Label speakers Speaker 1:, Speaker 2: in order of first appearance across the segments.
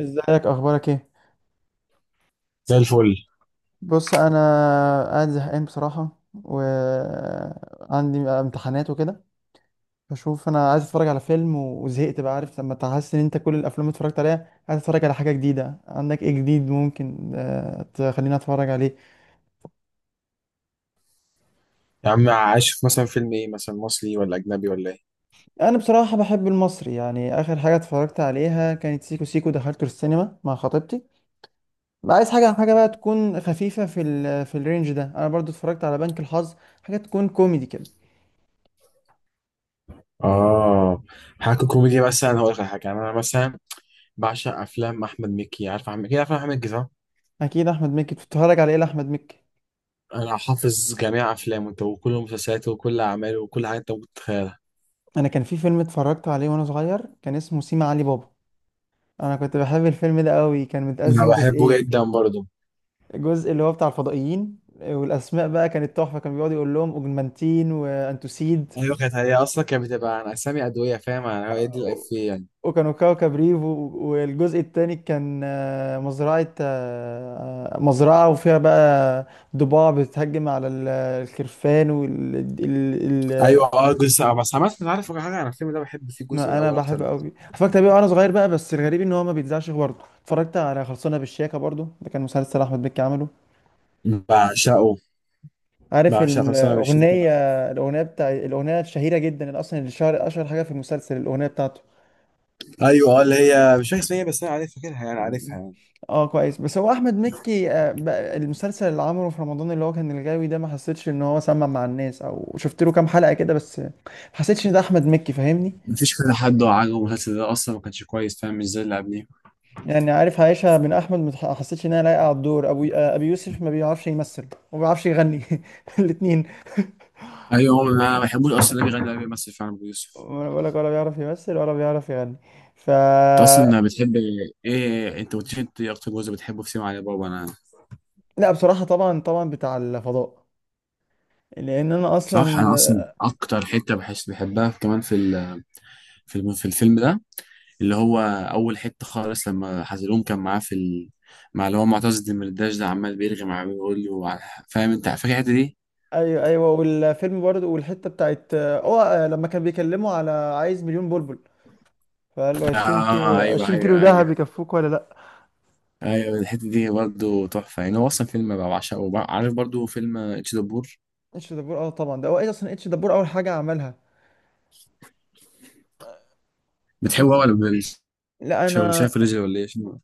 Speaker 1: ازيك؟ اخبارك ايه؟
Speaker 2: زي الفل.
Speaker 1: بص، انا قاعد زهقان بصراحه، وعندي امتحانات وكده. بشوف، انا عايز اتفرج على فيلم وزهقت بقى. عارف لما تحس ان انت كل الافلام اللي اتفرجت عليها، عايز اتفرج على حاجه جديده. عندك ايه جديد ممكن تخليني اتفرج عليه؟
Speaker 2: يا عم عايش، في مثلا فيلم ايه؟ مثلا مصري ولا اجنبي ولا ايه؟
Speaker 1: انا بصراحه بحب المصري، يعني اخر حاجه اتفرجت عليها كانت سيكو سيكو، دخلته السينما مع خطيبتي. عايز حاجه بقى تكون خفيفه، في الرينج ده. انا برضو اتفرجت على بنك الحظ. حاجه تكون كوميدي كده.
Speaker 2: اه، حاجه كوميدي. مثلا هقول لك على حاجه. يعني انا مثلا بعشق افلام احمد مكي. عارف احمد مكي؟ عارف احمد مكي صح؟
Speaker 1: اكيد احمد مكي، بتتفرج على ايه لاحمد مكي؟
Speaker 2: انا حافظ جميع افلامه انت، وكل مسلسلاته وكل اعماله وكل حاجه انت ممكن تتخيلها.
Speaker 1: انا كان في فيلم اتفرجت عليه وانا صغير، كان اسمه سيما علي بابا. انا كنت بحب الفيلم ده قوي، كان
Speaker 2: انا
Speaker 1: متقسم
Speaker 2: بحبه
Speaker 1: جزئين.
Speaker 2: جدا برضه.
Speaker 1: الجزء اللي هو بتاع الفضائيين والاسماء بقى كانت تحفه، كان بيقعد يقول لهم اوجمانتين وانتوسيد.
Speaker 2: ايوه، كانت هي اصلا كانت بتبقى عن اسامي ادويه، فاهم؟ انا هي دي الافيه يعني.
Speaker 1: وكانوا كوكب ريف والجزء التاني كان مزرعة، مزرعة، وفيها بقى ضباع بتهجم على الخرفان والجمل.
Speaker 2: ايوه اه، جزء. بس عامه انت عارف حاجه؟ انا الفيلم ده بحب فيه الجزء
Speaker 1: ما انا
Speaker 2: الاول اكتر
Speaker 1: بحب
Speaker 2: بكتير.
Speaker 1: قوي، اتفرجت عليه وانا صغير بقى. بس الغريب ان هو ما بيتذاعش. برضه اتفرجت على خلصانه بالشياكه، برضه ده كان مسلسل احمد مكي عمله.
Speaker 2: بعشقه
Speaker 1: عارف
Speaker 2: بعشقه بس انا مش.
Speaker 1: الاغنيه؟ الاغنيه بتاع الاغنيه الشهيره جدا، اللي اصلا اللي شهر اشهر حاجه في المسلسل الاغنيه بتاعته.
Speaker 2: ايوه اه، اللي هي مش فاكر اسمها إيه، بس انا عارف، فاكرها يعني،
Speaker 1: م-
Speaker 2: عارفها يعني.
Speaker 1: اه كويس. بس هو احمد مكي بقى المسلسل اللي عمله في رمضان اللي هو كان الغاوي ده، ما حسيتش ان هو سمع مع الناس، او شفت له كام حلقه كده، بس ما حسيتش ان ده احمد مكي فاهمني.
Speaker 2: مفيش كذا حد عاجبه المسلسل ده اصلا، ما كانش كويس فاهم، مش زي اللي قبليه.
Speaker 1: يعني عارف عايشها من احمد، ما تح- حسيتش انها لايقه على الدور، ابو ابي يوسف ما بيعرفش يمثل وما بيعرفش يغني الاثنين.
Speaker 2: ايوه، هو انا ما بحبوش اصلا اللي بيغني اللي بيمثل فعلا ابو يوسف.
Speaker 1: وانا بقول لك ولا بيعرف يمثل ولا بيعرف يغني. ف
Speaker 2: انت اصلا بتحب ايه؟ انت قلت لي انت إيه اكتر جزء بتحبه في سيما علي بابا؟ انا
Speaker 1: لا بصراحه، طبعا طبعا بتاع الفضاء، لان انا اصلا.
Speaker 2: صح، انا اصلا اكتر حته بحس بحبها كمان في في الفيلم ده، اللي هو اول حته خالص لما حزلوم كان معاه مع اللي هو معتز الدمرداش ده، عمال بيرغي معاه بيقول له فاهم؟ انت فاكر الحته دي؟
Speaker 1: ايوه ايوه، والفيلم برضه، والحته بتاعت اه لما كان بيكلمه على عايز مليون بلبل، فقال له 20
Speaker 2: اه
Speaker 1: كيلو،
Speaker 2: ايوه
Speaker 1: 20 كيلو
Speaker 2: ايوه
Speaker 1: دهب
Speaker 2: ايوه.
Speaker 1: يكفوك ولا لا.
Speaker 2: ايوه الحته دي برضه تحفه يعني. هو اصلا فيلم بقى بعشقه عارف برضه فيلم اتش دبور؟
Speaker 1: اتش دبور اه طبعا، ده هو ايه اصلا، اتش دبور اول حاجه عملها.
Speaker 2: بتحبه
Speaker 1: قصة؟
Speaker 2: ولا
Speaker 1: لا
Speaker 2: ولا
Speaker 1: انا،
Speaker 2: شايف رجل ولا ايه شنو؟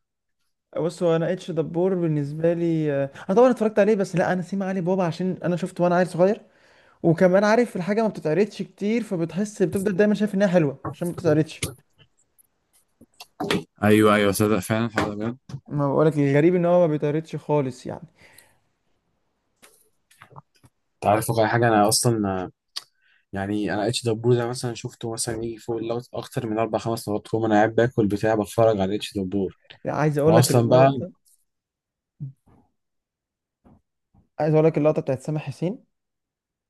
Speaker 1: بص هو انا اتش دبور بالنسبه لي، انا طبعا اتفرجت عليه، بس لا، انا سيما علي بابا عشان انا شفته وانا عيل صغير. وكمان عارف الحاجه ما بتتعرضش كتير، فبتحس بتفضل دايما شايف انها حلوه عشان ما بتتعرضش.
Speaker 2: ايوه ايوه، صدق فعلا، الحوار ده بجد.
Speaker 1: ما بقولك الغريب ان هو ما بيتعرضش خالص يعني.
Speaker 2: انت عارف واقع حاجه انا اصلا، يعني انا اتش دبور ده مثلا شفته مثلا يجي فوق اللوت اكتر من اربع خمس مرات. كل ما انا قاعد باكل بتاع بتفرج على اتش دبور.
Speaker 1: لا، عايز اقول لك
Speaker 2: واصلا بقى
Speaker 1: اللقطه، عايز اقول لك اللقطه بتاعت سامح حسين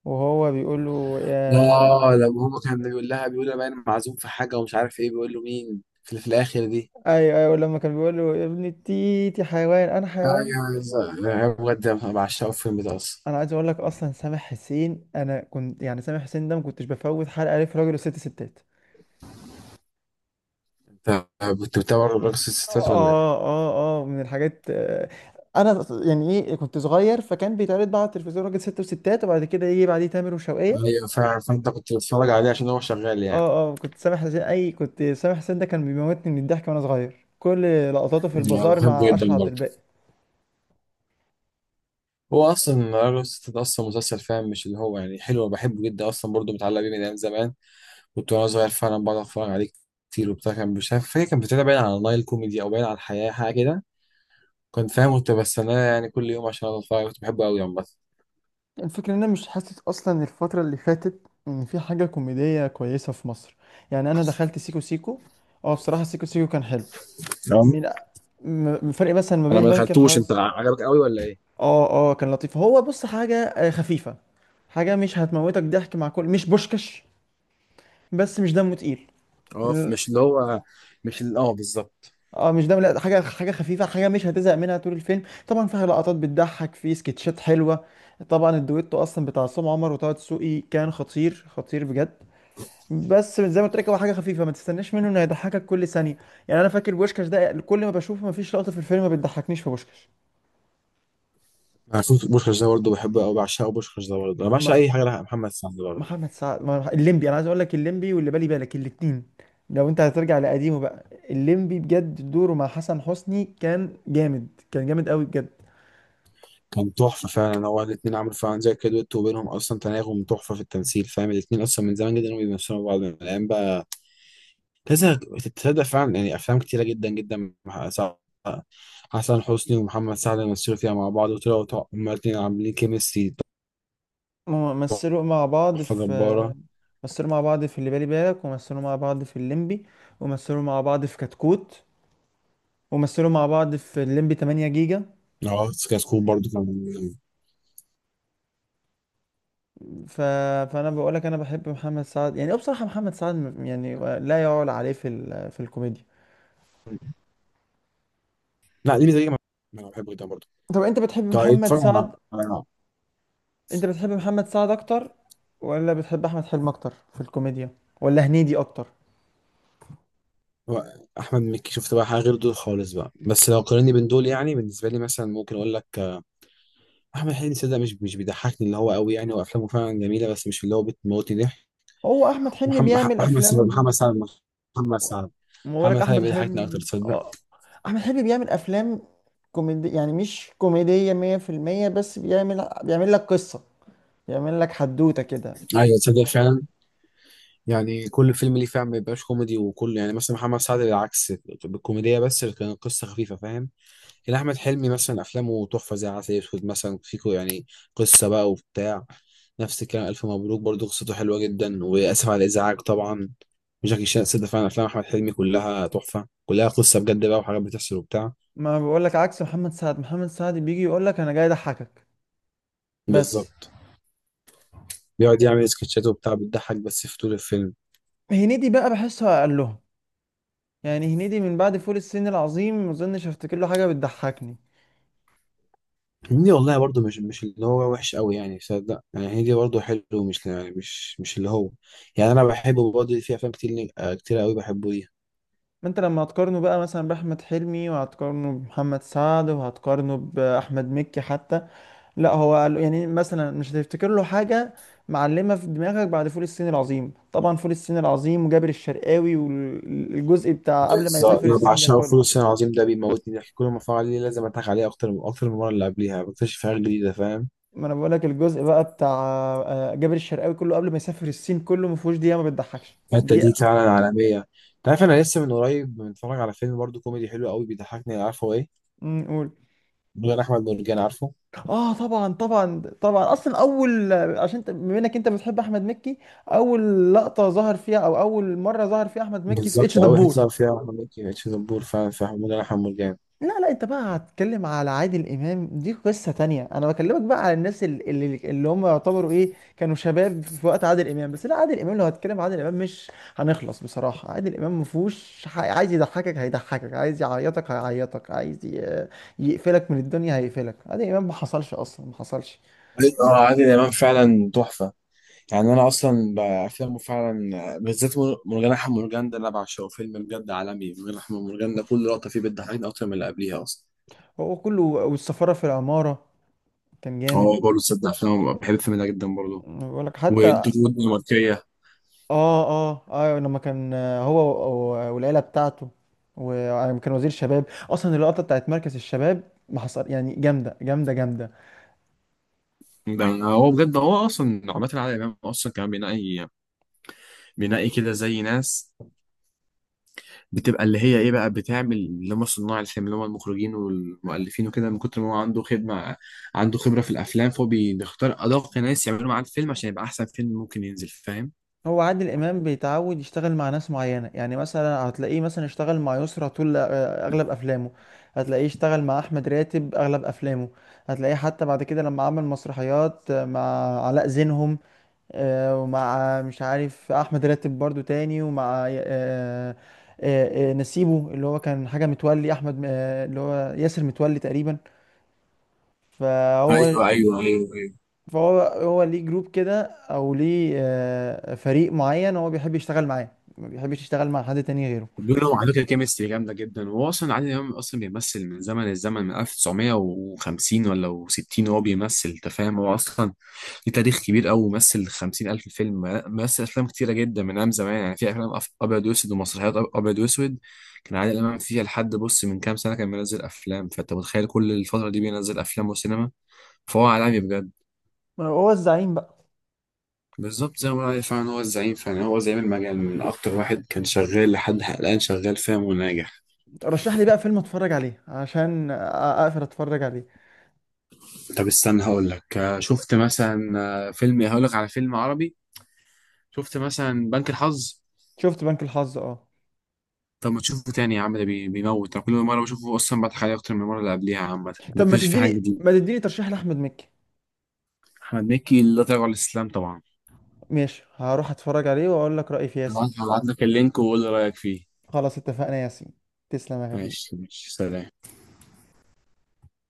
Speaker 1: وهو بيقول له يا.
Speaker 2: اه لما هو كان بيقول لها، بيقول لها بقى انا معزوم في حاجه ومش عارف ايه، بيقول له مين في الاخر دي.
Speaker 1: ايوه ايوه، لما كان بيقول له يا ابن التيتي، حيوان انا، حيوان.
Speaker 2: ايوه بالظبط. أنا بجد بعشقه الفيلم ده اصلا.
Speaker 1: انا عايز اقول لك اصلا سامح حسين، انا كنت يعني سامح حسين ده ما كنتش بفوت حلقه ليه في راجل وست ستات.
Speaker 2: طب كنت بتابع رقص الستات ولا ايه؟
Speaker 1: اه اه اه، من الحاجات. انا يعني ايه، كنت صغير فكان بيتعرض بقى على التلفزيون راجل ست وستات، وبعد كده يجي بعديه تامر وشوقية.
Speaker 2: ايوه فعلا، فانت كنت بتتفرج عليه عشان هو شغال يعني.
Speaker 1: اه اه، كنت سامح حسين، اي كنت سامح حسين ده كان بيموتني من الضحك وانا صغير، كل لقطاته في
Speaker 2: انا
Speaker 1: البازار
Speaker 2: بحبه
Speaker 1: مع
Speaker 2: جدا
Speaker 1: اشرف عبد
Speaker 2: برضه.
Speaker 1: الباقي.
Speaker 2: هو اصلا رقص الستات اصلا مسلسل، فاهم؟ مش اللي هو يعني حلو، بحبه جدا اصلا برضه، متعلق بيه من ايام زمان. كنت وانا صغير فعلا بقعد اتفرج عليه كتير وبتاع. كان مش عارف، فاكر كان بتابع باين على نايل كوميدي او باين على الحياه، حاجه كده. كنت فاهم، كنت بستناه يعني كل يوم عشان أقعد اتفرج. كنت بحبه قوي عامه.
Speaker 1: الفكرة ان انا مش حاسس اصلا الفترة اللي فاتت ان في حاجة كوميدية كويسة في مصر. يعني انا دخلت سيكو سيكو، اه بصراحة سيكو سيكو كان حلو.
Speaker 2: أه.
Speaker 1: من فرق مثلا ما
Speaker 2: انا
Speaker 1: بين
Speaker 2: ما
Speaker 1: بنك
Speaker 2: دخلتوش، انت
Speaker 1: الحظ.
Speaker 2: عجبك قوي ولا ايه؟
Speaker 1: اه اه، كان لطيف. هو بص حاجة خفيفة، حاجة مش هتموتك ضحك مع كل، مش بوشكش، بس مش دمه تقيل.
Speaker 2: اه مش اللي هو، مش اللي اه بالظبط.
Speaker 1: اه مش دمه، لا حاجة، حاجة خفيفة، حاجة مش هتزهق منها طول الفيلم. طبعا فيها لقطات بتضحك، في سكتشات حلوة. طبعا الدويتو اصلا بتاع عصام عمر وطه دسوقي كان خطير خطير بجد. بس زي ما قلت لك، هو حاجة خفيفة، ما تستناش منه انه يضحكك كل ثانية. يعني انا فاكر بوشكش ده كل ما بشوفه، ما فيش لقطة في الفيلم ما بتضحكنيش في بوشكش.
Speaker 2: انا شفت بوشكاش ده برضه، بحبه قوي، بعشقه بوشكاش ده برضه. انا بعشق
Speaker 1: ما
Speaker 2: اي حاجه لها محمد سعد برضه.
Speaker 1: محمد سعد، الليمبي، انا عايز اقول لك الليمبي واللي بالي بالك الاتنين، لو انت هترجع لقديمه بقى. الليمبي بجد دوره مع حسن حسني كان جامد، كان جامد قوي بجد.
Speaker 2: كان تحفه فعلا. هو الاثنين عملوا فعلا زي كده دويتو، وبينهم اصلا تناغم تحفه في التمثيل، فاهم؟ الاثنين اصلا من زمان جدا، وبيمثلوا بعض من الايام بقى كذا. تتصدق فعلا يعني افلام كتيره جدا جدا مع حسن حسني ومحمد سعد مثلوا فيها مع بعض، وطلعوا هما الاثنين عاملين كيمستري
Speaker 1: هم مثلوا مع بعض
Speaker 2: تحفه
Speaker 1: في،
Speaker 2: جباره.
Speaker 1: مثلوا مع بعض في اللي بالي بالك، ومثلوا مع بعض في الليمبي، ومثلوا مع بعض في كتكوت، ومثلوا مع بعض في الليمبي 8 جيجا.
Speaker 2: اه سكاي سكول برضه كان.
Speaker 1: ف... فانا بقول لك انا بحب محمد سعد. يعني هو بصراحة محمد سعد يعني لا يعول عليه في في الكوميديا.
Speaker 2: لا دي ميزه ليا، انا بحبه جدا برضه.
Speaker 1: طب انت بتحب
Speaker 2: طيب
Speaker 1: محمد
Speaker 2: اتفرج
Speaker 1: سعد،
Speaker 2: على،
Speaker 1: انت بتحب محمد سعد اكتر ولا بتحب احمد حلمي اكتر في الكوميديا، ولا هنيدي اكتر؟
Speaker 2: هو احمد مكي شفت بقى حاجه غير دول خالص بقى، بس لو قارني بين دول يعني بالنسبه لي مثلا، ممكن اقول لك احمد حلمي صدق مش، مش بيضحكني اللي هو قوي يعني. وافلامه فعلا جميله بس مش اللي هو بتموتني ضحك.
Speaker 1: هو احمد حلمي
Speaker 2: محمد مح-
Speaker 1: بيعمل
Speaker 2: محمد سعد محمد
Speaker 1: افلام.
Speaker 2: سعد محمد سعد.
Speaker 1: ما
Speaker 2: محمد
Speaker 1: بقولك
Speaker 2: سعد
Speaker 1: احمد
Speaker 2: بيضحكني اكتر،
Speaker 1: حلمي
Speaker 2: تصدق.
Speaker 1: اه. احمد حلمي بيعمل افلام كوميدي، يعني مش كوميدية 100%، بس بيعمل لك قصة، بيعمل لك حدوتة كده.
Speaker 2: ايوه تصدق فعلا، يعني كل فيلم ليه فعلا ما بيبقاش كوميدي وكل، يعني مثلا محمد سعد بالعكس بالكوميديا، بس كان قصه خفيفه، فاهم؟ يعني احمد حلمي مثلا افلامه تحفه زي عسل اسود مثلا، فيكو يعني قصه بقى وبتاع. نفس الكلام الف مبروك برضو، قصته حلوه جدا، واسف على الازعاج طبعا، وجاكي شان. صدق فعلا افلام احمد حلمي كلها تحفه، كلها قصه بجد بقى وحاجات بتحصل وبتاع.
Speaker 1: ما بقولك عكس محمد سعد، محمد سعد بيجي يقولك انا جاي اضحكك بس.
Speaker 2: بالظبط، بيقعد يعمل سكتشات وبتاع، بتضحك بس في طول الفيلم.
Speaker 1: هنيدي بقى بحسه اقلهم، يعني هنيدي من بعد فول الصين العظيم ما اظنش افتكر له حاجة بتضحكني.
Speaker 2: هنيدي والله برضو مش، مش اللي هو وحش قوي يعني صدق يعني. هنيدي برضو حلو، مش يعني مش، مش اللي هو. يعني انا بحبه برضه في افلام كتير كتير قوي بحبه.
Speaker 1: ما انت لما هتقارنه بقى مثلا باحمد حلمي، وهتقارنه بمحمد سعد، وهتقارنه باحمد مكي حتى، لا هو يعني مثلا مش هتفتكر له حاجه معلمه في دماغك بعد فول الصين العظيم. طبعا فول الصين العظيم وجابر الشرقاوي والجزء بتاع قبل ما
Speaker 2: بالظبط،
Speaker 1: يسافر
Speaker 2: أنا
Speaker 1: الصين ده
Speaker 2: بعشقه
Speaker 1: كله.
Speaker 2: فول الصين العظيم ده. بيموتني ضحك كل ما اتفرج عليه. لازم اضحك عليه اكتر، من اكتر من المره اللي قبليها بكتشف حاجات جديده، فاهم؟
Speaker 1: ما انا بقولك الجزء بقى بتاع جابر الشرقاوي، كله قبل ما يسافر الصين كله ما فيهوش دقيقه ما بتضحكش
Speaker 2: الحته دي
Speaker 1: دقيقه.
Speaker 2: فعلا عالميه. انت عارف انا لسه من قريب متفرج على فيلم برضه كوميدي حلو قوي بيضحكني، عارفه ايه؟
Speaker 1: قول.
Speaker 2: مدير احمد مرجان، عارفه؟
Speaker 1: اه طبعا طبعا طبعا، اصلا اول عشان انت بما انك انت بتحب احمد مكي، اول لقطه ظهر فيها او اول مره ظهر فيها احمد مكي في اتش
Speaker 2: بالظبط، قوي
Speaker 1: دبور.
Speaker 2: حته اللي فيها احمد مكي في دبور، فعلا في مدير احمد مرجان.
Speaker 1: لا لا، انت بقى هتتكلم على عادل امام دي قصه تانية. انا بكلمك بقى على الناس اللي هم يعتبروا ايه، كانوا شباب في وقت عادل امام. بس لا، عادل امام لو هتكلم عادل امام مش هنخلص بصراحه. عادل امام مفهوش عايز يضحكك هيضحكك، عايز يعيطك هيعيطك، عايز يقفلك من الدنيا هيقفلك. عادل امام ما حصلش اصلا ما حصلش.
Speaker 2: أيوة، اه عادل امام فعلا تحفه. يعني انا اصلا بافلامه فعلا، بالذات مرجان احمد مرجان ده انا بعشقه، فيلم بجد عالمي. مرجان احمد مرجان ده كل لقطه فيه بتضحكني اكتر من اللي قبليها اصلا.
Speaker 1: هو كله والسفارة في العمارة كان جامد.
Speaker 2: هو برضه تصدق فيلم، بحب الفيلم ده جدا برضه،
Speaker 1: بقول لك حتى
Speaker 2: والدور الدنماركية.
Speaker 1: اه اه اه، لما كان هو والعيلة بتاعته، وكان وزير شباب، اصلا اللقطة بتاعت مركز الشباب ما حصل يعني، جامدة جامدة جامدة.
Speaker 2: ده هو بجد، هو أصلا عماد العادل إمام أصلا كان بينقي، بينقي كده زي ناس بتبقى اللي هي إيه بقى، بتعمل اللي هم صناع الفيلم اللي هم المخرجين والمؤلفين وكده. من كتر ما هو عنده خدمة، عنده خبرة في الأفلام، فهو بيختار أدق ناس يعملوا معاه الفيلم عشان يبقى أحسن فيلم ممكن ينزل، فاهم؟
Speaker 1: هو عادل امام بيتعود يشتغل مع ناس معينة، يعني مثلا هتلاقيه مثلا اشتغل مع يسرى طول اغلب افلامه. هتلاقيه اشتغل مع احمد راتب اغلب افلامه. هتلاقيه حتى بعد كده لما عمل مسرحيات مع علاء زينهم، ومع مش عارف احمد راتب برضو تاني، ومع نسيبه اللي هو كان حاجه متولي احمد، اللي هو ياسر متولي تقريبا. فهو
Speaker 2: ايوه ايوه ايوه،
Speaker 1: فهو هو ليه جروب كده، او ليه فريق معين هو بيحب يشتغل معاه، ما بيحبش يشتغل مع حد تاني غيره.
Speaker 2: بينهم على فكره كيمستري جامده جدا. وهو اصلا عادل امام اصلا بيمثل من زمن الزمن، من 1950 ولا 60، وهو بيمثل، انت فاهم؟ هو اصلا ليه تاريخ كبير قوي، ومثل 50,000 فيلم. مثل افلام كتيره جدا من ايام زمان. يعني في افلام ابيض واسود، ومسرحيات ابيض واسود كان عادل امام فيها. لحد بص من كام سنه كان بينزل افلام، فانت متخيل كل الفتره دي بينزل افلام وسينما؟ فهو عالمي بجد.
Speaker 1: هو الزعيم بقى.
Speaker 2: بالظبط، زي ما بقول عليه فعلا هو الزعيم. فعلا هو زعيم المجال، من اكتر واحد كان شغال لحد حلقان شغال، فاهم؟ وناجح.
Speaker 1: رشح لي بقى فيلم اتفرج عليه عشان اقدر اتفرج عليه.
Speaker 2: طب استنى هقول لك شفت مثلا فيلم، هقول لك على فيلم عربي. شفت مثلا بنك الحظ؟
Speaker 1: شفت بنك الحظ اه.
Speaker 2: طب ما تشوفه تاني يا عم، ده بيموت. انا كل مره بشوفه اصلا بضحك عليه اكتر من المره اللي قبليها، عامه
Speaker 1: طب ما
Speaker 2: بكتشف في حاجه
Speaker 1: تديني
Speaker 2: جديده.
Speaker 1: ما تديني ترشيح لاحمد مكي.
Speaker 2: احمد مكي، لا تراجع عن الاسلام طبعا.
Speaker 1: ماشي، هروح اتفرج عليه واقول لك رايي فيه يا سيدي.
Speaker 2: هبعت، هبعت لك اللينك وقول لي رايك فيه.
Speaker 1: خلاص، اتفقنا يا ياسين. تسلم يا حبيبي.
Speaker 2: ماشي ماشي، سلام.